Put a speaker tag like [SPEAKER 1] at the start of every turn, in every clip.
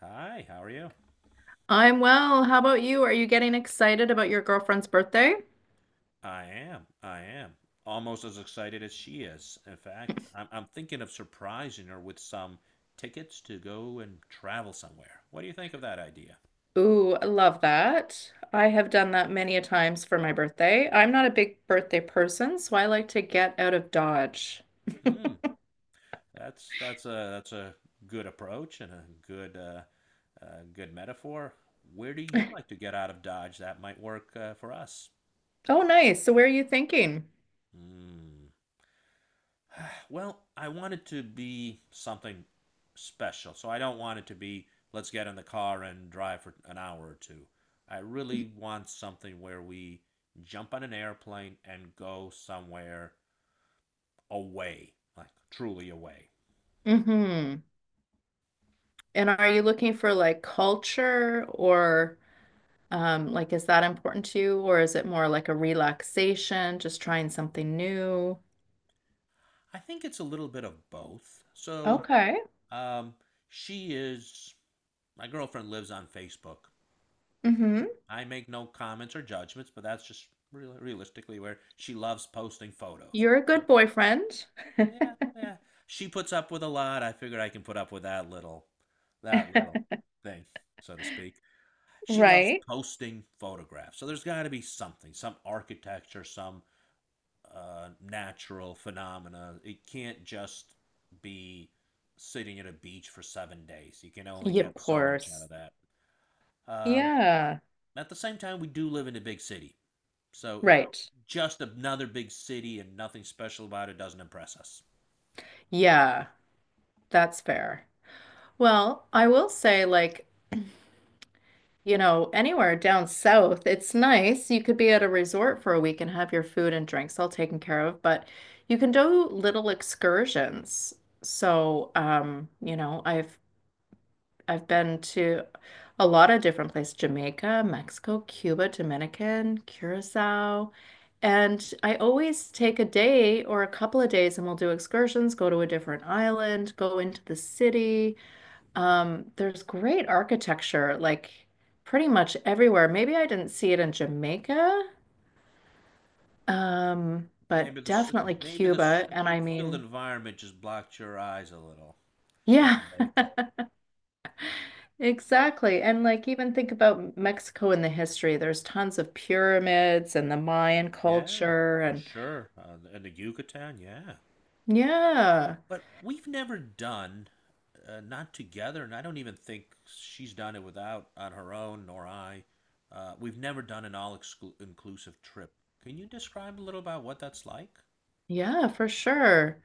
[SPEAKER 1] Hi, how are you?
[SPEAKER 2] I'm well. How about you? Are you getting excited about your girlfriend's birthday?
[SPEAKER 1] I am. I am. Almost as excited as she is. In fact, I'm thinking of surprising her with some tickets to go and travel somewhere. What do you think of that idea?
[SPEAKER 2] Ooh, I love that. I have done that many a times for my birthday. I'm not a big birthday person, so I like to get out of Dodge.
[SPEAKER 1] Hmm. That's a good approach and a good good metaphor. Where do you like to get out of Dodge that might work for us?
[SPEAKER 2] Oh, nice. So where are you thinking?
[SPEAKER 1] Hmm. Well, I want it to be something special. So I don't want it to be let's get in the car and drive for an hour or two. I really want something where we jump on an airplane and go somewhere away, like truly away.
[SPEAKER 2] Mm-hmm. And are you looking for, like, culture or like, is that important to you, or is it more like a relaxation, just trying something new?
[SPEAKER 1] I think it's a little bit of both.
[SPEAKER 2] Okay.
[SPEAKER 1] Um, she is my girlfriend lives on Facebook.
[SPEAKER 2] Mm-hmm.
[SPEAKER 1] I make no comments or judgments, but that's just realistically where she loves posting photos.
[SPEAKER 2] You're a
[SPEAKER 1] So
[SPEAKER 2] good boyfriend.
[SPEAKER 1] yeah, yeah. She puts up with a lot. I figured I can put up with that little thing, so to speak. She loves
[SPEAKER 2] Right.
[SPEAKER 1] posting photographs. So there's got to be something, some architecture, some natural phenomena. It can't just be sitting at a beach for 7 days. You can only
[SPEAKER 2] Yeah,
[SPEAKER 1] get
[SPEAKER 2] of
[SPEAKER 1] so much out
[SPEAKER 2] course.
[SPEAKER 1] of that. Um,
[SPEAKER 2] Yeah,
[SPEAKER 1] at the same time, we do live in a big city. So it,
[SPEAKER 2] right.
[SPEAKER 1] just another big city and nothing special about it doesn't impress us.
[SPEAKER 2] Yeah, that's fair. Well, I will say, like, anywhere down south, it's nice. You could be at a resort for a week and have your food and drinks all taken care of, but you can do little excursions. So, I've been to a lot of different places: Jamaica, Mexico, Cuba, Dominican, Curacao. And I always take a day or a couple of days and we'll do excursions, go to a different island, go into the city. There's great architecture, like, pretty much everywhere. Maybe I didn't see it in Jamaica,
[SPEAKER 1] Maybe
[SPEAKER 2] but
[SPEAKER 1] the s-
[SPEAKER 2] definitely
[SPEAKER 1] Maybe the
[SPEAKER 2] Cuba. And I
[SPEAKER 1] smoke-filled
[SPEAKER 2] mean,
[SPEAKER 1] environment just blocked your eyes a little in
[SPEAKER 2] yeah.
[SPEAKER 1] Jamaica.
[SPEAKER 2] Exactly. And, like, even think about Mexico in the history. There's tons of pyramids and the Mayan
[SPEAKER 1] Yeah,
[SPEAKER 2] culture,
[SPEAKER 1] for
[SPEAKER 2] and
[SPEAKER 1] sure. In the Yucatan, yeah.
[SPEAKER 2] yeah.
[SPEAKER 1] But we've never done, not together, and I don't even think she's done it without on her own, nor I. We've never done an all-inclusive trip. Can you describe a little about what that's like?
[SPEAKER 2] Yeah, for sure.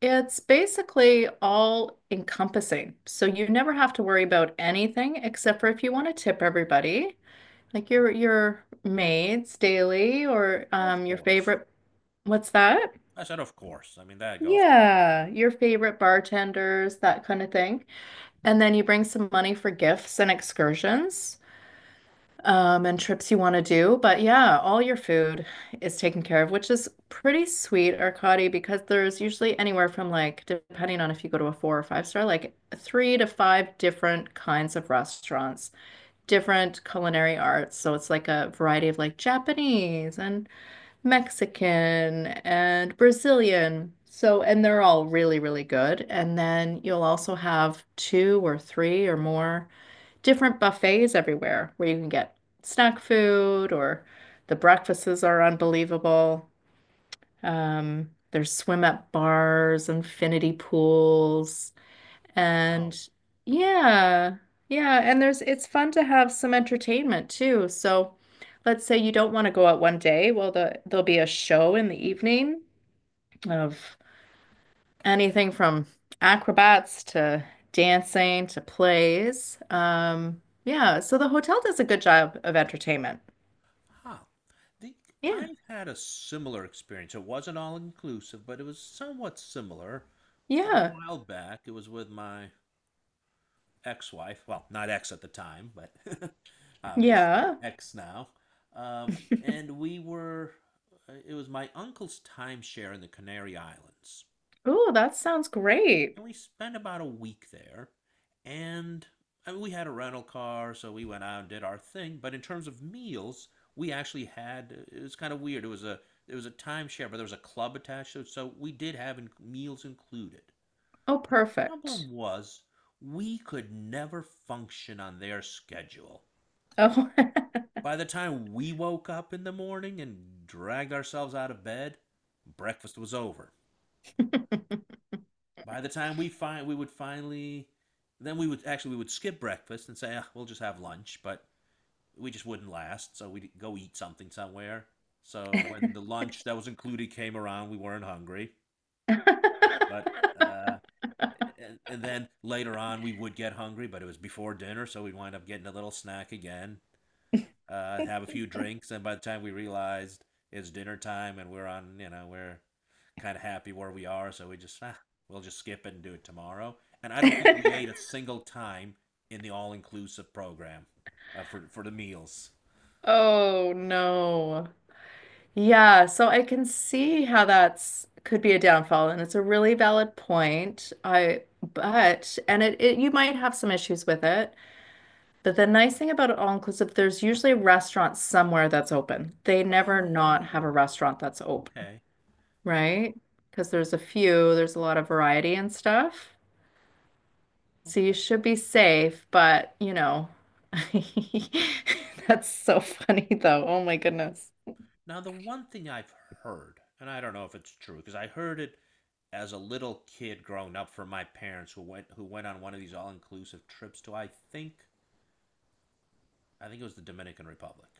[SPEAKER 2] It's basically all encompassing. So you never have to worry about anything, except for if you want to tip everybody, like your maids daily, or
[SPEAKER 1] Of
[SPEAKER 2] your
[SPEAKER 1] course.
[SPEAKER 2] favorite— what's that?
[SPEAKER 1] I said, of course. I mean, that goes without saying.
[SPEAKER 2] Yeah, your favorite bartenders, that kind of thing. And then you bring some money for gifts and excursions. And trips you want to do. But yeah, all your food is taken care of, which is pretty sweet, Arcadi, because there's usually anywhere from, like, depending on if you go to a four or five-star, like three to five different kinds of restaurants, different culinary arts. So it's like a variety of, like, Japanese and Mexican and Brazilian. So, and they're all really, really good. And then you'll also have two or three or more different buffets everywhere, where you can get snack food, or the breakfasts are unbelievable. There's swim up bars, infinity pools, and
[SPEAKER 1] Wow. Wow.
[SPEAKER 2] yeah, yeah, and there's it's fun to have some entertainment too. So let's say you don't want to go out one day, well there'll be a show in the evening of anything from acrobats to dancing to plays. Yeah, so the hotel does a good job of entertainment.
[SPEAKER 1] Ah, the
[SPEAKER 2] Yeah,
[SPEAKER 1] I've had a similar experience. It wasn't all inclusive, but it was somewhat similar. A
[SPEAKER 2] yeah,
[SPEAKER 1] while back, it was with my ex-wife. Well, not ex at the time, but obviously
[SPEAKER 2] yeah.
[SPEAKER 1] ex now. And we were. It was my uncle's timeshare in the Canary Islands,
[SPEAKER 2] Oh, that sounds great.
[SPEAKER 1] and we spent about a week there. And I mean, we had a rental car, so we went out and did our thing. But in terms of meals, we actually had it was kind of weird. It was a timeshare, but there was a club attached to it, so we did have meals included.
[SPEAKER 2] Oh, perfect.
[SPEAKER 1] Problem was, we could never function on their schedule.
[SPEAKER 2] Oh.
[SPEAKER 1] By the time we woke up in the morning and dragged ourselves out of bed, breakfast was over. By the time we find, We would finally, then we would actually we would skip breakfast and say, "Ah, we'll just have lunch," but we just wouldn't last, so we'd go eat something somewhere. So when the lunch that was included came around, we weren't hungry. But uh, and then later on, we would get hungry, but it was before dinner, so we'd wind up getting a little snack again have a few drinks, and by the time we realized it's dinner time and we're on, you know, we're kind of happy where we are, so we just we'll just skip it and do it tomorrow. And I don't think we ate a single time in the all-inclusive program for the meals.
[SPEAKER 2] Oh no. Yeah, so I can see how that's could be a downfall, and it's a really valid point. I but and it, you might have some issues with it. But the nice thing about all inclusive, there's usually a restaurant somewhere that's open. They never not have a
[SPEAKER 1] Oh,
[SPEAKER 2] restaurant that's open,
[SPEAKER 1] okay, okay,
[SPEAKER 2] right? Because there's a lot of variety and stuff. So you
[SPEAKER 1] okay.
[SPEAKER 2] should be safe, but. That's so funny though. Oh my goodness.
[SPEAKER 1] Now, the one thing I've heard, and I don't know if it's true, because I heard it as a little kid growing up from my parents who went on one of these all-inclusive trips to, I think it was the Dominican Republic.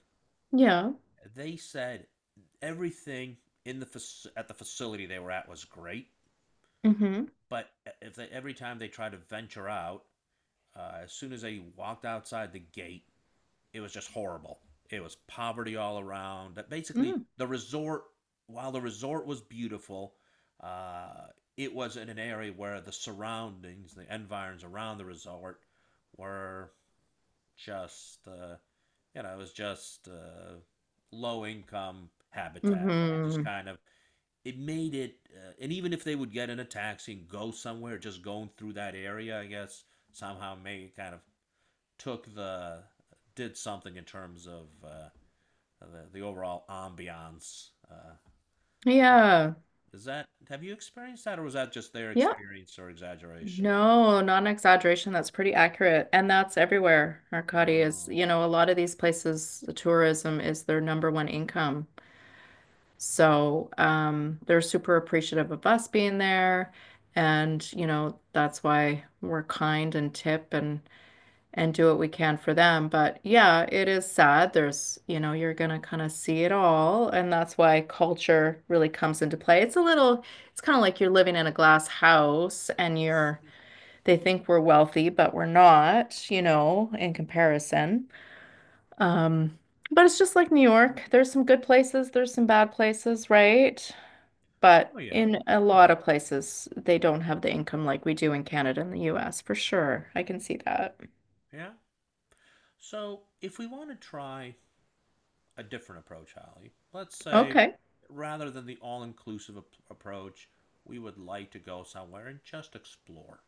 [SPEAKER 2] Yeah.
[SPEAKER 1] They said everything in the at the facility they were at was great,
[SPEAKER 2] Mm-hmm.
[SPEAKER 1] but if they, every time they tried to venture out, as soon as they walked outside the gate, it was just horrible. It was poverty all around. That basically the resort, while the resort was beautiful, uh, it was in an area where the surroundings, the environs around the resort, were just you know it was just low income habitat. It just
[SPEAKER 2] Mm-hmm.
[SPEAKER 1] kind of it made it, and even if they would get in a taxi and go somewhere, just going through that area, I guess somehow made it kind of took the did something in terms of the overall ambiance.
[SPEAKER 2] Yeah.
[SPEAKER 1] Is that have you experienced that, or was that just their
[SPEAKER 2] Yeah.
[SPEAKER 1] experience or exaggeration?
[SPEAKER 2] No, not an exaggeration. That's pretty accurate. And that's everywhere. Arcadi is,
[SPEAKER 1] Oh,
[SPEAKER 2] a lot of these places, the tourism is their number one income. So, they're super appreciative of us being there. And, that's why we're kind and tip and do what we can for them. But yeah, it is sad. There's, you're gonna kind of see it all. And that's why culture really comes into play. It's a little, it's kind of like you're living in a glass house, and you're they think we're wealthy, but we're not, in comparison. Um, but it's just like New York. There's some good places, there's some bad places, right? But
[SPEAKER 1] oh yeah,
[SPEAKER 2] in a
[SPEAKER 1] oh
[SPEAKER 2] lot
[SPEAKER 1] yeah,
[SPEAKER 2] of places, they don't have the income like we do in Canada and the US, for sure. I can see that.
[SPEAKER 1] yeah. So if we want to try a different approach, Holly. Let's say
[SPEAKER 2] Okay.
[SPEAKER 1] rather than the all inclusive approach, we would like to go somewhere and just explore.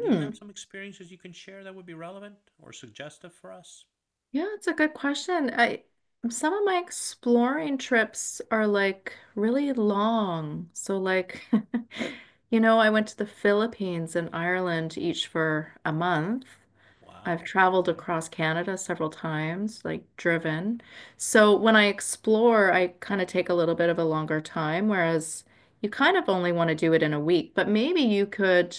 [SPEAKER 1] Do you have some experiences you can share that would be relevant or suggestive for us?
[SPEAKER 2] Yeah, it's a good question. I Some of my exploring trips are like really long. So, like, you know, I went to the Philippines and Ireland each for a month. I've
[SPEAKER 1] Wow.
[SPEAKER 2] traveled
[SPEAKER 1] Okay.
[SPEAKER 2] across Canada several times, like driven. So when I explore, I kind of take a little bit of a longer time, whereas you kind of only want to do it in a week, but maybe you could,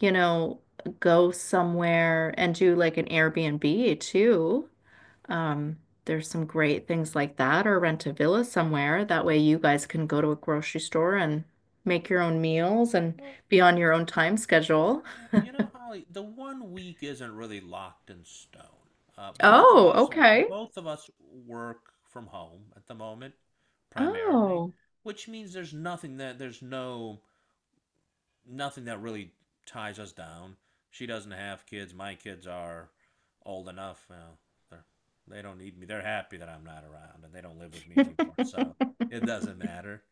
[SPEAKER 2] you know, go somewhere and do like an Airbnb too. Um, there's some great things like that, or rent a villa somewhere. That way you guys can go to a grocery store and make your own meals and
[SPEAKER 1] Well,
[SPEAKER 2] be on your own time schedule.
[SPEAKER 1] yeah, you know, Holly, the one week isn't really locked in stone. Uh, both of
[SPEAKER 2] Oh,
[SPEAKER 1] us,
[SPEAKER 2] okay.
[SPEAKER 1] Both of us work from home at the moment, primarily,
[SPEAKER 2] Oh,
[SPEAKER 1] which means there's no nothing that really ties us down. She doesn't have kids. My kids are old enough. You know, they're, they don't need me. They're happy that I'm not around and they don't live with me anymore. So it doesn't matter.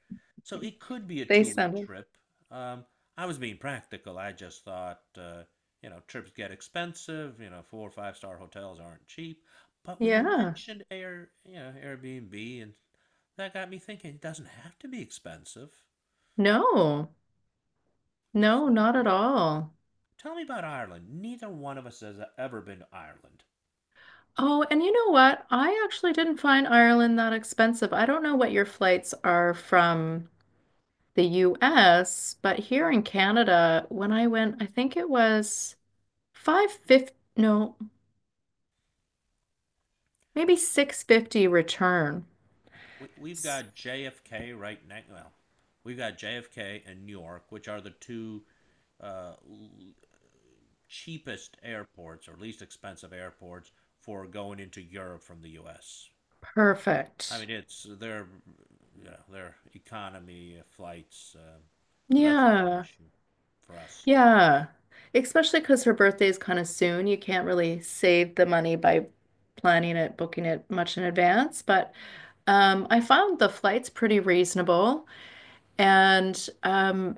[SPEAKER 1] So it could be a
[SPEAKER 2] they
[SPEAKER 1] 2 week
[SPEAKER 2] sounded.
[SPEAKER 1] trip. Um, I was being practical. I just thought, you know, trips get expensive. You know, four or five-star hotels aren't cheap. But when you
[SPEAKER 2] Yeah.
[SPEAKER 1] mentioned Air, you know, Airbnb, and that got me thinking, it doesn't have to be expensive.
[SPEAKER 2] No, no, not
[SPEAKER 1] So
[SPEAKER 2] at all.
[SPEAKER 1] tell me about Ireland. Neither one of us has ever been to Ireland.
[SPEAKER 2] Oh, and you know what? I actually didn't find Ireland that expensive. I don't know what your flights are from the US, but here in Canada, when I went, I think it was five fifty, no, maybe 650 return.
[SPEAKER 1] We've
[SPEAKER 2] S-
[SPEAKER 1] got JFK right next. Well, we've got JFK and Newark, which are the two uh, cheapest airports or least expensive airports for going into Europe from the U.S. I
[SPEAKER 2] Perfect.
[SPEAKER 1] mean, it's their, you know, their economy flights, so that's not an
[SPEAKER 2] Yeah,
[SPEAKER 1] issue for us.
[SPEAKER 2] yeah. Especially because her birthday is kind of soon. You can't really save the money by planning it, booking it much in advance. But I found the flights pretty reasonable, and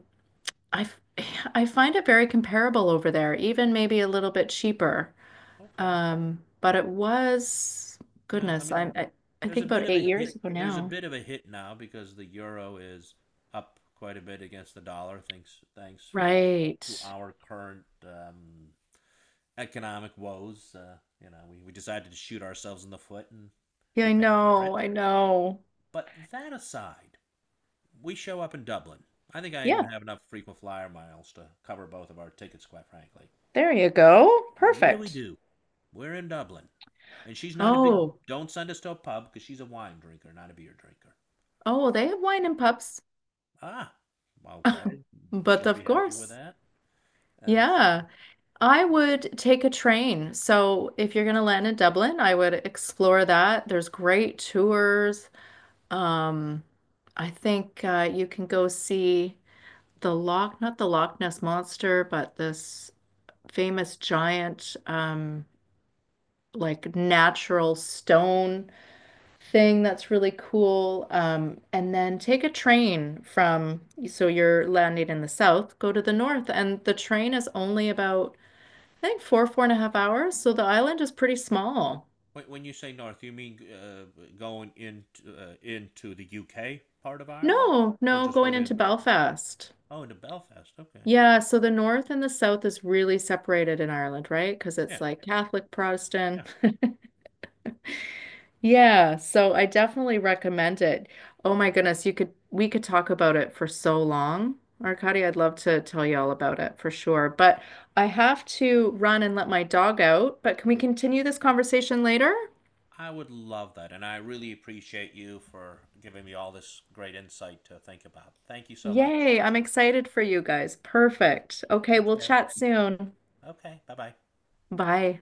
[SPEAKER 2] I f- I find it very comparable over there, even maybe a little bit cheaper.
[SPEAKER 1] Okay.
[SPEAKER 2] But it was,
[SPEAKER 1] Well, I
[SPEAKER 2] goodness,
[SPEAKER 1] mean,
[SPEAKER 2] I
[SPEAKER 1] there's a
[SPEAKER 2] think
[SPEAKER 1] bit
[SPEAKER 2] about
[SPEAKER 1] of
[SPEAKER 2] eight
[SPEAKER 1] a
[SPEAKER 2] years
[SPEAKER 1] hit.
[SPEAKER 2] ago
[SPEAKER 1] There's a
[SPEAKER 2] now.
[SPEAKER 1] bit of a hit now because the euro is up quite a bit against the dollar. Thanks for to
[SPEAKER 2] Right.
[SPEAKER 1] our current economic woes. You know, we decided to shoot ourselves in the foot, and
[SPEAKER 2] Yeah,
[SPEAKER 1] we're
[SPEAKER 2] I
[SPEAKER 1] paying for it.
[SPEAKER 2] know. I know.
[SPEAKER 1] But that aside, we show up in Dublin. I think I even
[SPEAKER 2] Yeah,
[SPEAKER 1] have enough frequent flyer miles to cover both of our tickets, quite frankly.
[SPEAKER 2] there you go.
[SPEAKER 1] What do we
[SPEAKER 2] Perfect.
[SPEAKER 1] do? We're in Dublin, and she's not a big.
[SPEAKER 2] Oh,
[SPEAKER 1] Don't send us to a pub because she's a wine drinker, not a beer drinker.
[SPEAKER 2] oh, they have wine and pubs,
[SPEAKER 1] Ah, okay.
[SPEAKER 2] but
[SPEAKER 1] She'll be
[SPEAKER 2] of
[SPEAKER 1] happy with
[SPEAKER 2] course.
[SPEAKER 1] that. And so,
[SPEAKER 2] Yeah, I would take a train. So if you're going to land in Dublin, I would explore that. There's great tours. Um, I think you can go see the Loch— not the Loch Ness Monster, but this famous giant, like, natural stone thing that's really cool. And then take a train, so you're landing in the south, go to the north, and the train is only about, I think, 4.5 hours. So the island is pretty small.
[SPEAKER 1] when you say north, you mean going into the UK part of Ireland,
[SPEAKER 2] No,
[SPEAKER 1] or
[SPEAKER 2] no,
[SPEAKER 1] just
[SPEAKER 2] going into
[SPEAKER 1] within?
[SPEAKER 2] Belfast.
[SPEAKER 1] Oh, into Belfast. Okay.
[SPEAKER 2] Yeah, so the north and the south is really separated in Ireland, right? Because
[SPEAKER 1] Yeah,
[SPEAKER 2] it's like Catholic,
[SPEAKER 1] yeah.
[SPEAKER 2] Protestant. Yeah, so I definitely recommend it. Oh my goodness, you could we could talk about it for so long. Arkady, I'd love to tell you all about it for sure, but I have to run and let my dog out. But can we continue this conversation later?
[SPEAKER 1] I would love that, and I really appreciate you for giving me all this great insight to think about. Thank you so much.
[SPEAKER 2] Yay, I'm excited for you guys.
[SPEAKER 1] Yeah.
[SPEAKER 2] Perfect. Okay,
[SPEAKER 1] Take
[SPEAKER 2] we'll
[SPEAKER 1] care.
[SPEAKER 2] chat soon.
[SPEAKER 1] Okay. Bye bye.
[SPEAKER 2] Bye.